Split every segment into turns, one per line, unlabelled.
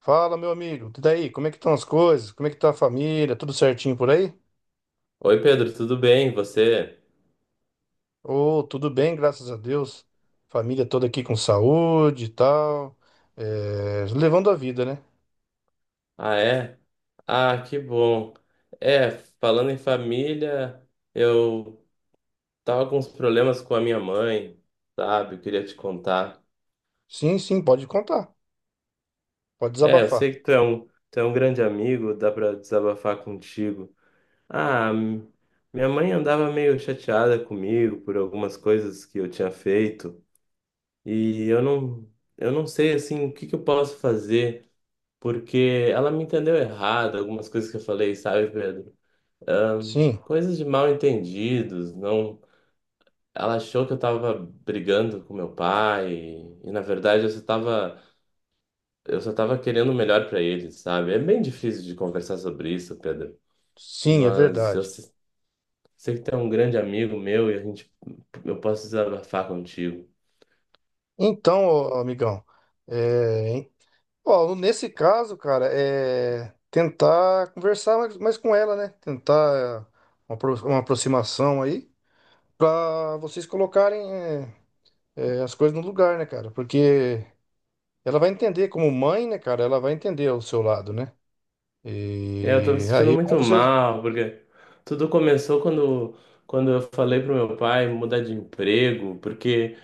Fala, meu amigo. E daí? Como é que estão as coisas? Como é que tá a família? Tudo certinho por aí?
Oi, Pedro, tudo bem? Você?
Ô, tudo bem, graças a Deus. Família toda aqui com saúde e tal. É, levando a vida, né?
Ah, é? Ah, que bom. É, falando em família, eu tava com uns problemas com a minha mãe, sabe? Eu queria te contar.
Sim, sim, pode contar. Pode
É, eu sei
desabafar.
que tu é um grande amigo, dá pra desabafar contigo. Ah, m- Minha mãe andava meio chateada comigo por algumas coisas que eu tinha feito e eu não sei, assim, o que que eu posso fazer. Porque ela me entendeu errado, algumas coisas que eu falei, sabe, Pedro?
Sim,
Coisas de mal entendidos, não. Ela achou que eu tava brigando com meu pai e, na verdade eu só tava querendo o melhor pra ele, sabe? É bem difícil de conversar sobre isso, Pedro.
sim, é
Mas eu
verdade.
se- sei que tu é um grande amigo meu e eu posso desabafar contigo.
Então, ô, amigão, é, ó, nesse caso, cara, é tentar conversar mais com ela, né? Tentar uma aproximação aí. Pra vocês colocarem é, as coisas no lugar, né, cara? Porque ela vai entender, como mãe, né, cara? Ela vai entender o seu lado, né?
É, eu tô me
E
sentindo
aí, como
muito
você.
mal porque tudo começou quando, quando eu falei pro meu pai mudar de emprego, porque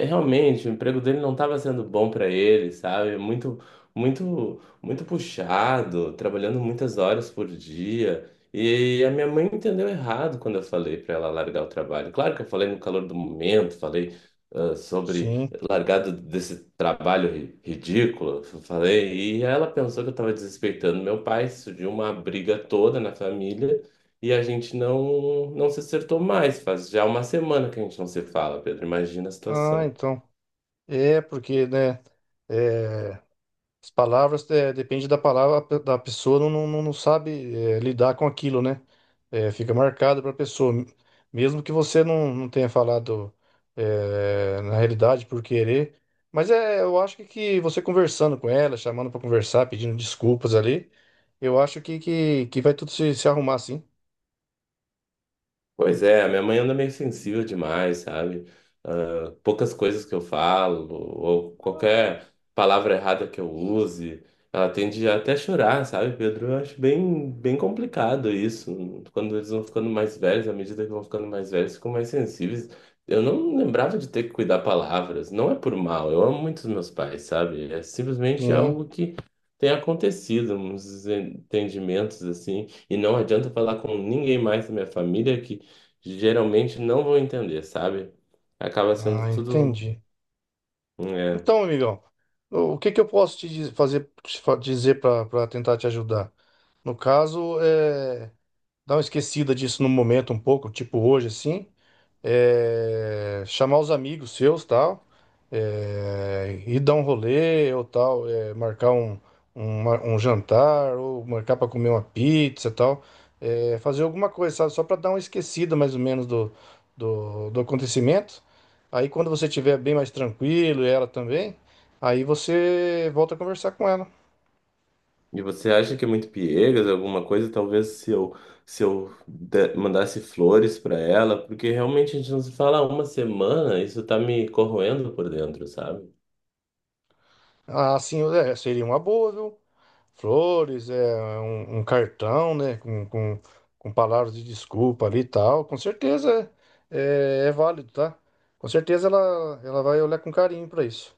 realmente o emprego dele não estava sendo bom para ele, sabe? Muito, muito, muito puxado, trabalhando muitas horas por dia. E a minha mãe entendeu errado quando eu falei para ela largar o trabalho. Claro que eu falei no calor do momento, falei ah, sobre
Sim.
largado desse trabalho ri- ridículo, falei, e ela pensou que eu estava desrespeitando meu pai, surgiu uma briga toda na família e a gente não se acertou mais. Faz já uma semana que a gente não se fala, Pedro. Imagina a
Ah,
situação.
então. É, porque, né? eh, As palavras, é, depende da palavra, da pessoa não sabe, é, lidar com aquilo, né? É, fica marcado para a pessoa. Mesmo que você não tenha falado, é, na realidade por querer. Mas é, eu acho que você conversando com ela, chamando para conversar, pedindo desculpas ali, eu acho que vai tudo se arrumar, sim.
Pois é, a minha mãe anda meio sensível demais, sabe? Ah, poucas coisas que eu falo, ou qualquer palavra errada que eu use, ela tende a até chorar, sabe, Pedro? Eu acho bem, bem complicado isso. Quando eles vão ficando mais velhos, à medida que vão ficando mais velhos, ficam mais sensíveis. Eu não lembrava de ter que cuidar palavras. Não é por mal, eu amo muito os meus pais, sabe? É simplesmente
Sim.
algo que tem acontecido, uns entendimentos assim. E não adianta falar com ninguém mais da minha família que geralmente não vão entender, sabe? Acaba sendo
Ah,
tudo.
entendi.
é,
Então, amigão, o que que eu posso fazer, dizer para tentar te ajudar? No caso, é, dar uma esquecida disso no momento um pouco, tipo hoje assim, é, chamar os amigos seus, tal, é, ir dar um rolê ou tal, é, marcar um jantar ou marcar para comer uma pizza, tal, é, fazer alguma coisa, sabe? Só para dar uma esquecida mais ou menos do acontecimento. Aí quando você estiver bem mais tranquilo e ela também, aí você volta a conversar com ela.
E você acha que é muito piegas, alguma coisa? Talvez se eu, se eu mandasse flores pra ela, porque realmente a gente não se fala há uma semana, isso tá me corroendo por dentro, sabe?
Ah, assim, é, seria uma boa, viu? Flores, é um cartão, né, com palavras de desculpa ali e tal, com certeza é, é válido, tá? Com certeza ela vai olhar com carinho pra isso.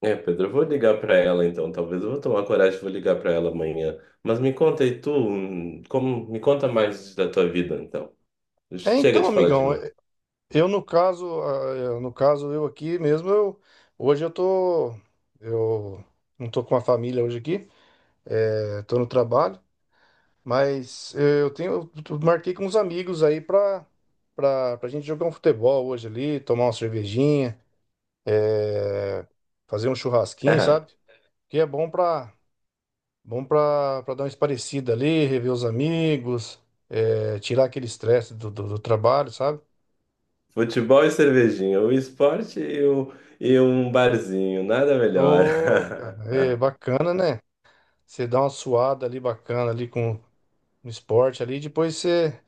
É, Pedro, eu vou ligar pra ela então, talvez eu vou tomar coragem e vou ligar pra ela amanhã. Mas me conta aí tu, como, me conta mais da tua vida então.
É,
Chega
então,
de falar de
amigão,
mim.
é, eu no caso, no caso eu aqui mesmo, eu, hoje eu não tô com a família hoje aqui, é, tô no trabalho, mas eu tenho, eu marquei com uns amigos aí pra gente jogar um futebol hoje ali, tomar uma cervejinha, fazer um churrasquinho, sabe? Que é bom pra, bom pra dar uma esparecida ali, rever os amigos, é, tirar aquele estresse do trabalho, sabe?
Futebol e cervejinha, o esporte e um barzinho, nada melhor.
Ô, cara, é bacana, né? Você dá uma suada ali bacana ali com um esporte ali, depois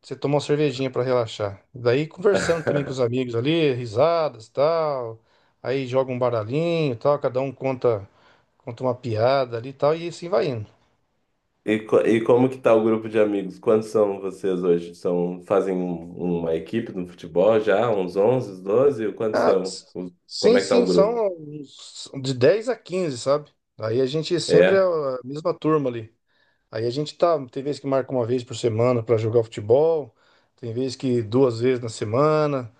você toma uma cervejinha pra relaxar. Daí conversando também com os amigos ali, risadas, tal. Aí joga um baralhinho, tal, cada um conta uma piada ali, tal, e assim vai indo.
E como que tá o grupo de amigos? Quantos são vocês hoje? São, fazem uma equipe no futebol já? Uns 11, 12? Quantos
Ah,
são?
s-
Como
sim,
é que tá o
sim,
grupo?
são uns de 10 a quinze, sabe? Aí a gente sempre é
É?
a mesma turma ali. Aí a gente tá, tem vezes que marca uma vez por semana pra jogar futebol, tem vezes que duas vezes na semana,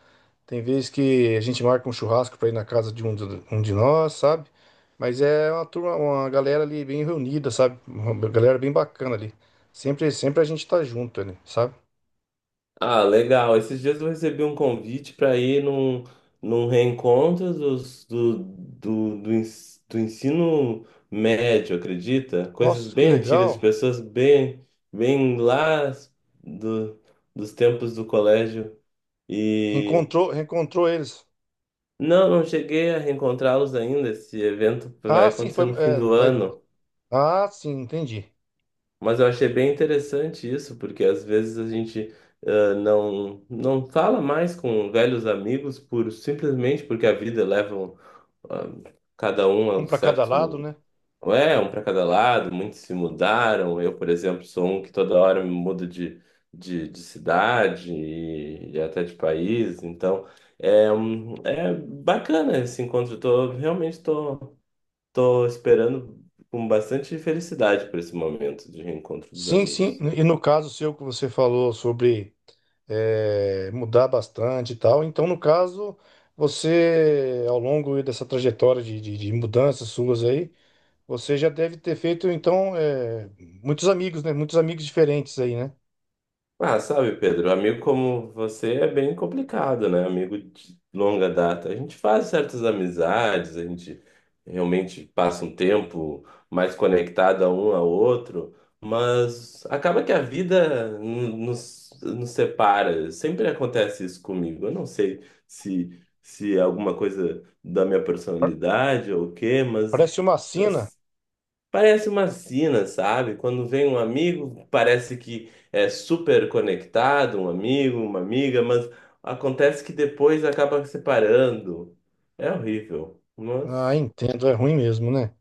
tem vezes que a gente marca um churrasco pra ir na casa um de nós, sabe? Mas é uma turma, uma galera ali bem reunida, sabe? Uma galera bem bacana ali. Sempre a gente tá junto ali, sabe?
Ah, legal. Esses dias eu recebi um convite para ir num reencontro dos, do, do, do, ens- do ensino médio, acredita? Coisas
Nossa, que
bem antigas, de
legal.
pessoas bem, bem lá do, dos tempos do colégio. E
Encontrou, reencontrou eles.
não, não cheguei a reencontrá-los ainda. Esse evento vai
Ah, sim,
acontecer
foi,
no fim
é,
do
vai-
ano.
Ah, sim, entendi.
Mas eu achei bem interessante isso, porque às vezes a gente ah, não, não fala mais com velhos amigos por simplesmente porque a vida ah, cada um a
Um
um
para cada lado,
certo.
né?
É, um para cada lado, muitos se mudaram. Eu, por exemplo, sou um que toda hora me mudo de cidade e até de país. Então, é, é bacana esse encontro. Eu tô, realmente estou Tô esperando com bastante felicidade por esse momento de reencontro dos
Sim, sim.
amigos.
E no caso seu que você falou sobre mudar bastante e tal, então no caso você, ao longo dessa trajetória de mudanças suas aí, você já deve ter feito então muitos amigos, né? Muitos amigos diferentes aí, né?
Ah, sabe, Pedro, amigo como você é bem complicado, né? Amigo de longa data. A gente faz certas amizades, a gente realmente passa um tempo mais conectado a um ao outro, mas acaba que a vida nos separa. Sempre acontece isso comigo. Eu não sei se é alguma coisa da minha personalidade ou o quê, mas.
Parece uma sina.
Parece uma sina, sabe? Quando vem um amigo, parece que é super conectado, um amigo, uma amiga, mas acontece que depois acaba se separando. É horrível.
Ah,
Mas
entendo, é ruim mesmo, né?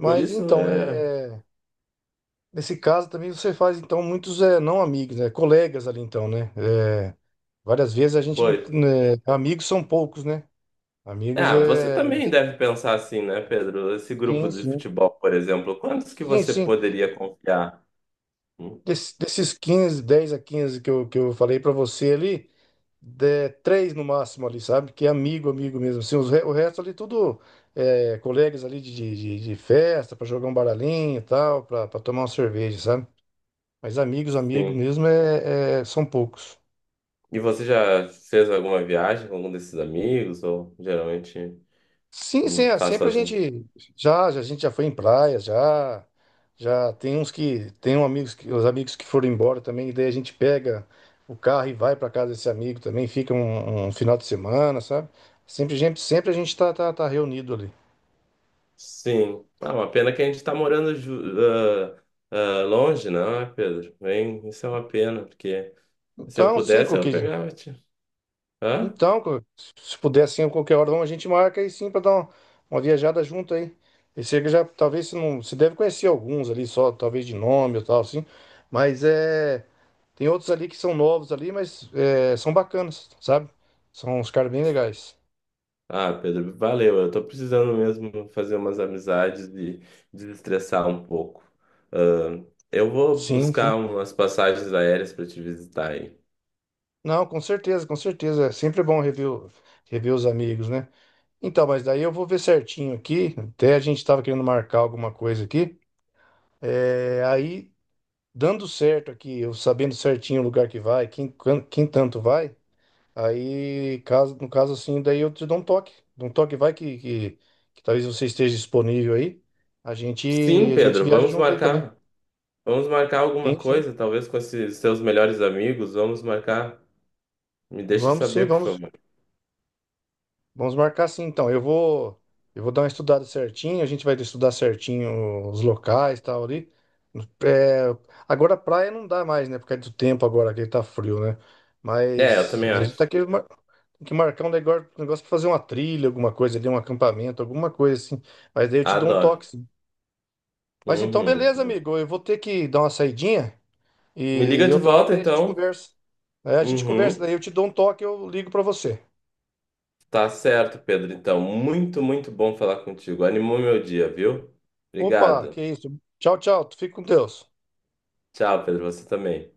por isso
então, é,
é.
é, nesse caso também você faz então muitos não amigos, né? Colegas ali então, né? Eh, várias vezes a gente não,
Pois.
né, amigos são poucos, né? Amigos
Ah, você
é.
também deve pensar assim, né, Pedro? Esse grupo
Sim,
de
sim.
futebol, por exemplo, quantos que
Sim,
você
sim.
poderia confiar? Hum.
Desses quinze, 10 a 15 que eu falei pra você ali, de, três no máximo ali, sabe? Que é amigo, amigo mesmo. Assim, o resto ali tudo é, colegas ali de festa, pra jogar um baralhinho e tal, pra tomar uma cerveja, sabe? Mas amigos, amigo
Sim.
mesmo são poucos.
E você já fez alguma viagem com algum desses amigos? Ou geralmente
Sim, sim, é,
faz
sempre a
sozinho?
gente já, já a gente já foi em praia, já já tem uns que tem um amigos que os amigos que foram embora também, e daí a gente pega o carro e vai para casa desse amigo também, fica um final de semana, sabe? Sempre a gente tá reunido ali.
Sim. Ah, uma pena que a gente está morando ah, longe, não é, Pedro? Bem, isso é uma pena, porque se eu
Então, sim,
pudesse, eu
qualquer,
pegava. Te- Hã?
então, se puder sim, qualquer hora a gente marca aí sim para dar uma viajada junto aí. Esse aí que já talvez você não, você deve conhecer alguns ali só, talvez de nome ou tal assim, mas é, tem outros ali que são novos ali, mas é, são bacanas, sabe? São uns caras bem legais.
Ah, Pedro, valeu. Eu tô precisando mesmo fazer umas amizades e desestressar um pouco. Ah, eu vou
Sim, sim.
buscar umas passagens aéreas para te visitar aí.
Não, com certeza, com certeza. É sempre bom rever os amigos, né? Então, mas daí eu vou ver certinho aqui. Até a gente estava querendo marcar alguma coisa aqui. É, aí, dando certo aqui, eu sabendo certinho o lugar que vai, quem, quem tanto vai, aí, caso, no caso assim, daí eu te dou um toque. Dou um toque vai que talvez você esteja disponível aí. A gente,
Sim,
a gente
Pedro,
viaja
vamos
junto aí também.
marcar. Vamos marcar alguma
Sim,
coisa,
sim.
talvez com esses seus melhores amigos. Vamos marcar. Me deixa
Vamos sim,
saber, por
vamos,
favor.
vamos marcar sim. Então, eu vou dar uma estudada certinho, a gente vai estudar certinho os locais e tal ali. É, agora a praia não dá mais, né? Por causa do tempo agora que tá frio, né?
É, eu
Mas
também
a gente tá
acho.
aqui mar- tem que marcar um negócio pra fazer uma trilha, alguma coisa ali, um acampamento, alguma coisa assim. Mas daí eu te dou um
Adoro.
toque, sim. Mas então,
Uhum.
beleza, amigo. Eu vou ter que dar uma saidinha
Me liga
e
de
outra hora
volta,
daí a gente
então.
conversa. É, a gente conversa,
Uhum.
daí eu te dou um toque, eu ligo pra você.
Tá certo, Pedro. Então, muito, muito bom falar contigo. Animou meu dia, viu?
Opa, que
Obrigado.
isso. Tchau, tchau. Tu fica com Deus.
Tchau, Pedro. Você também.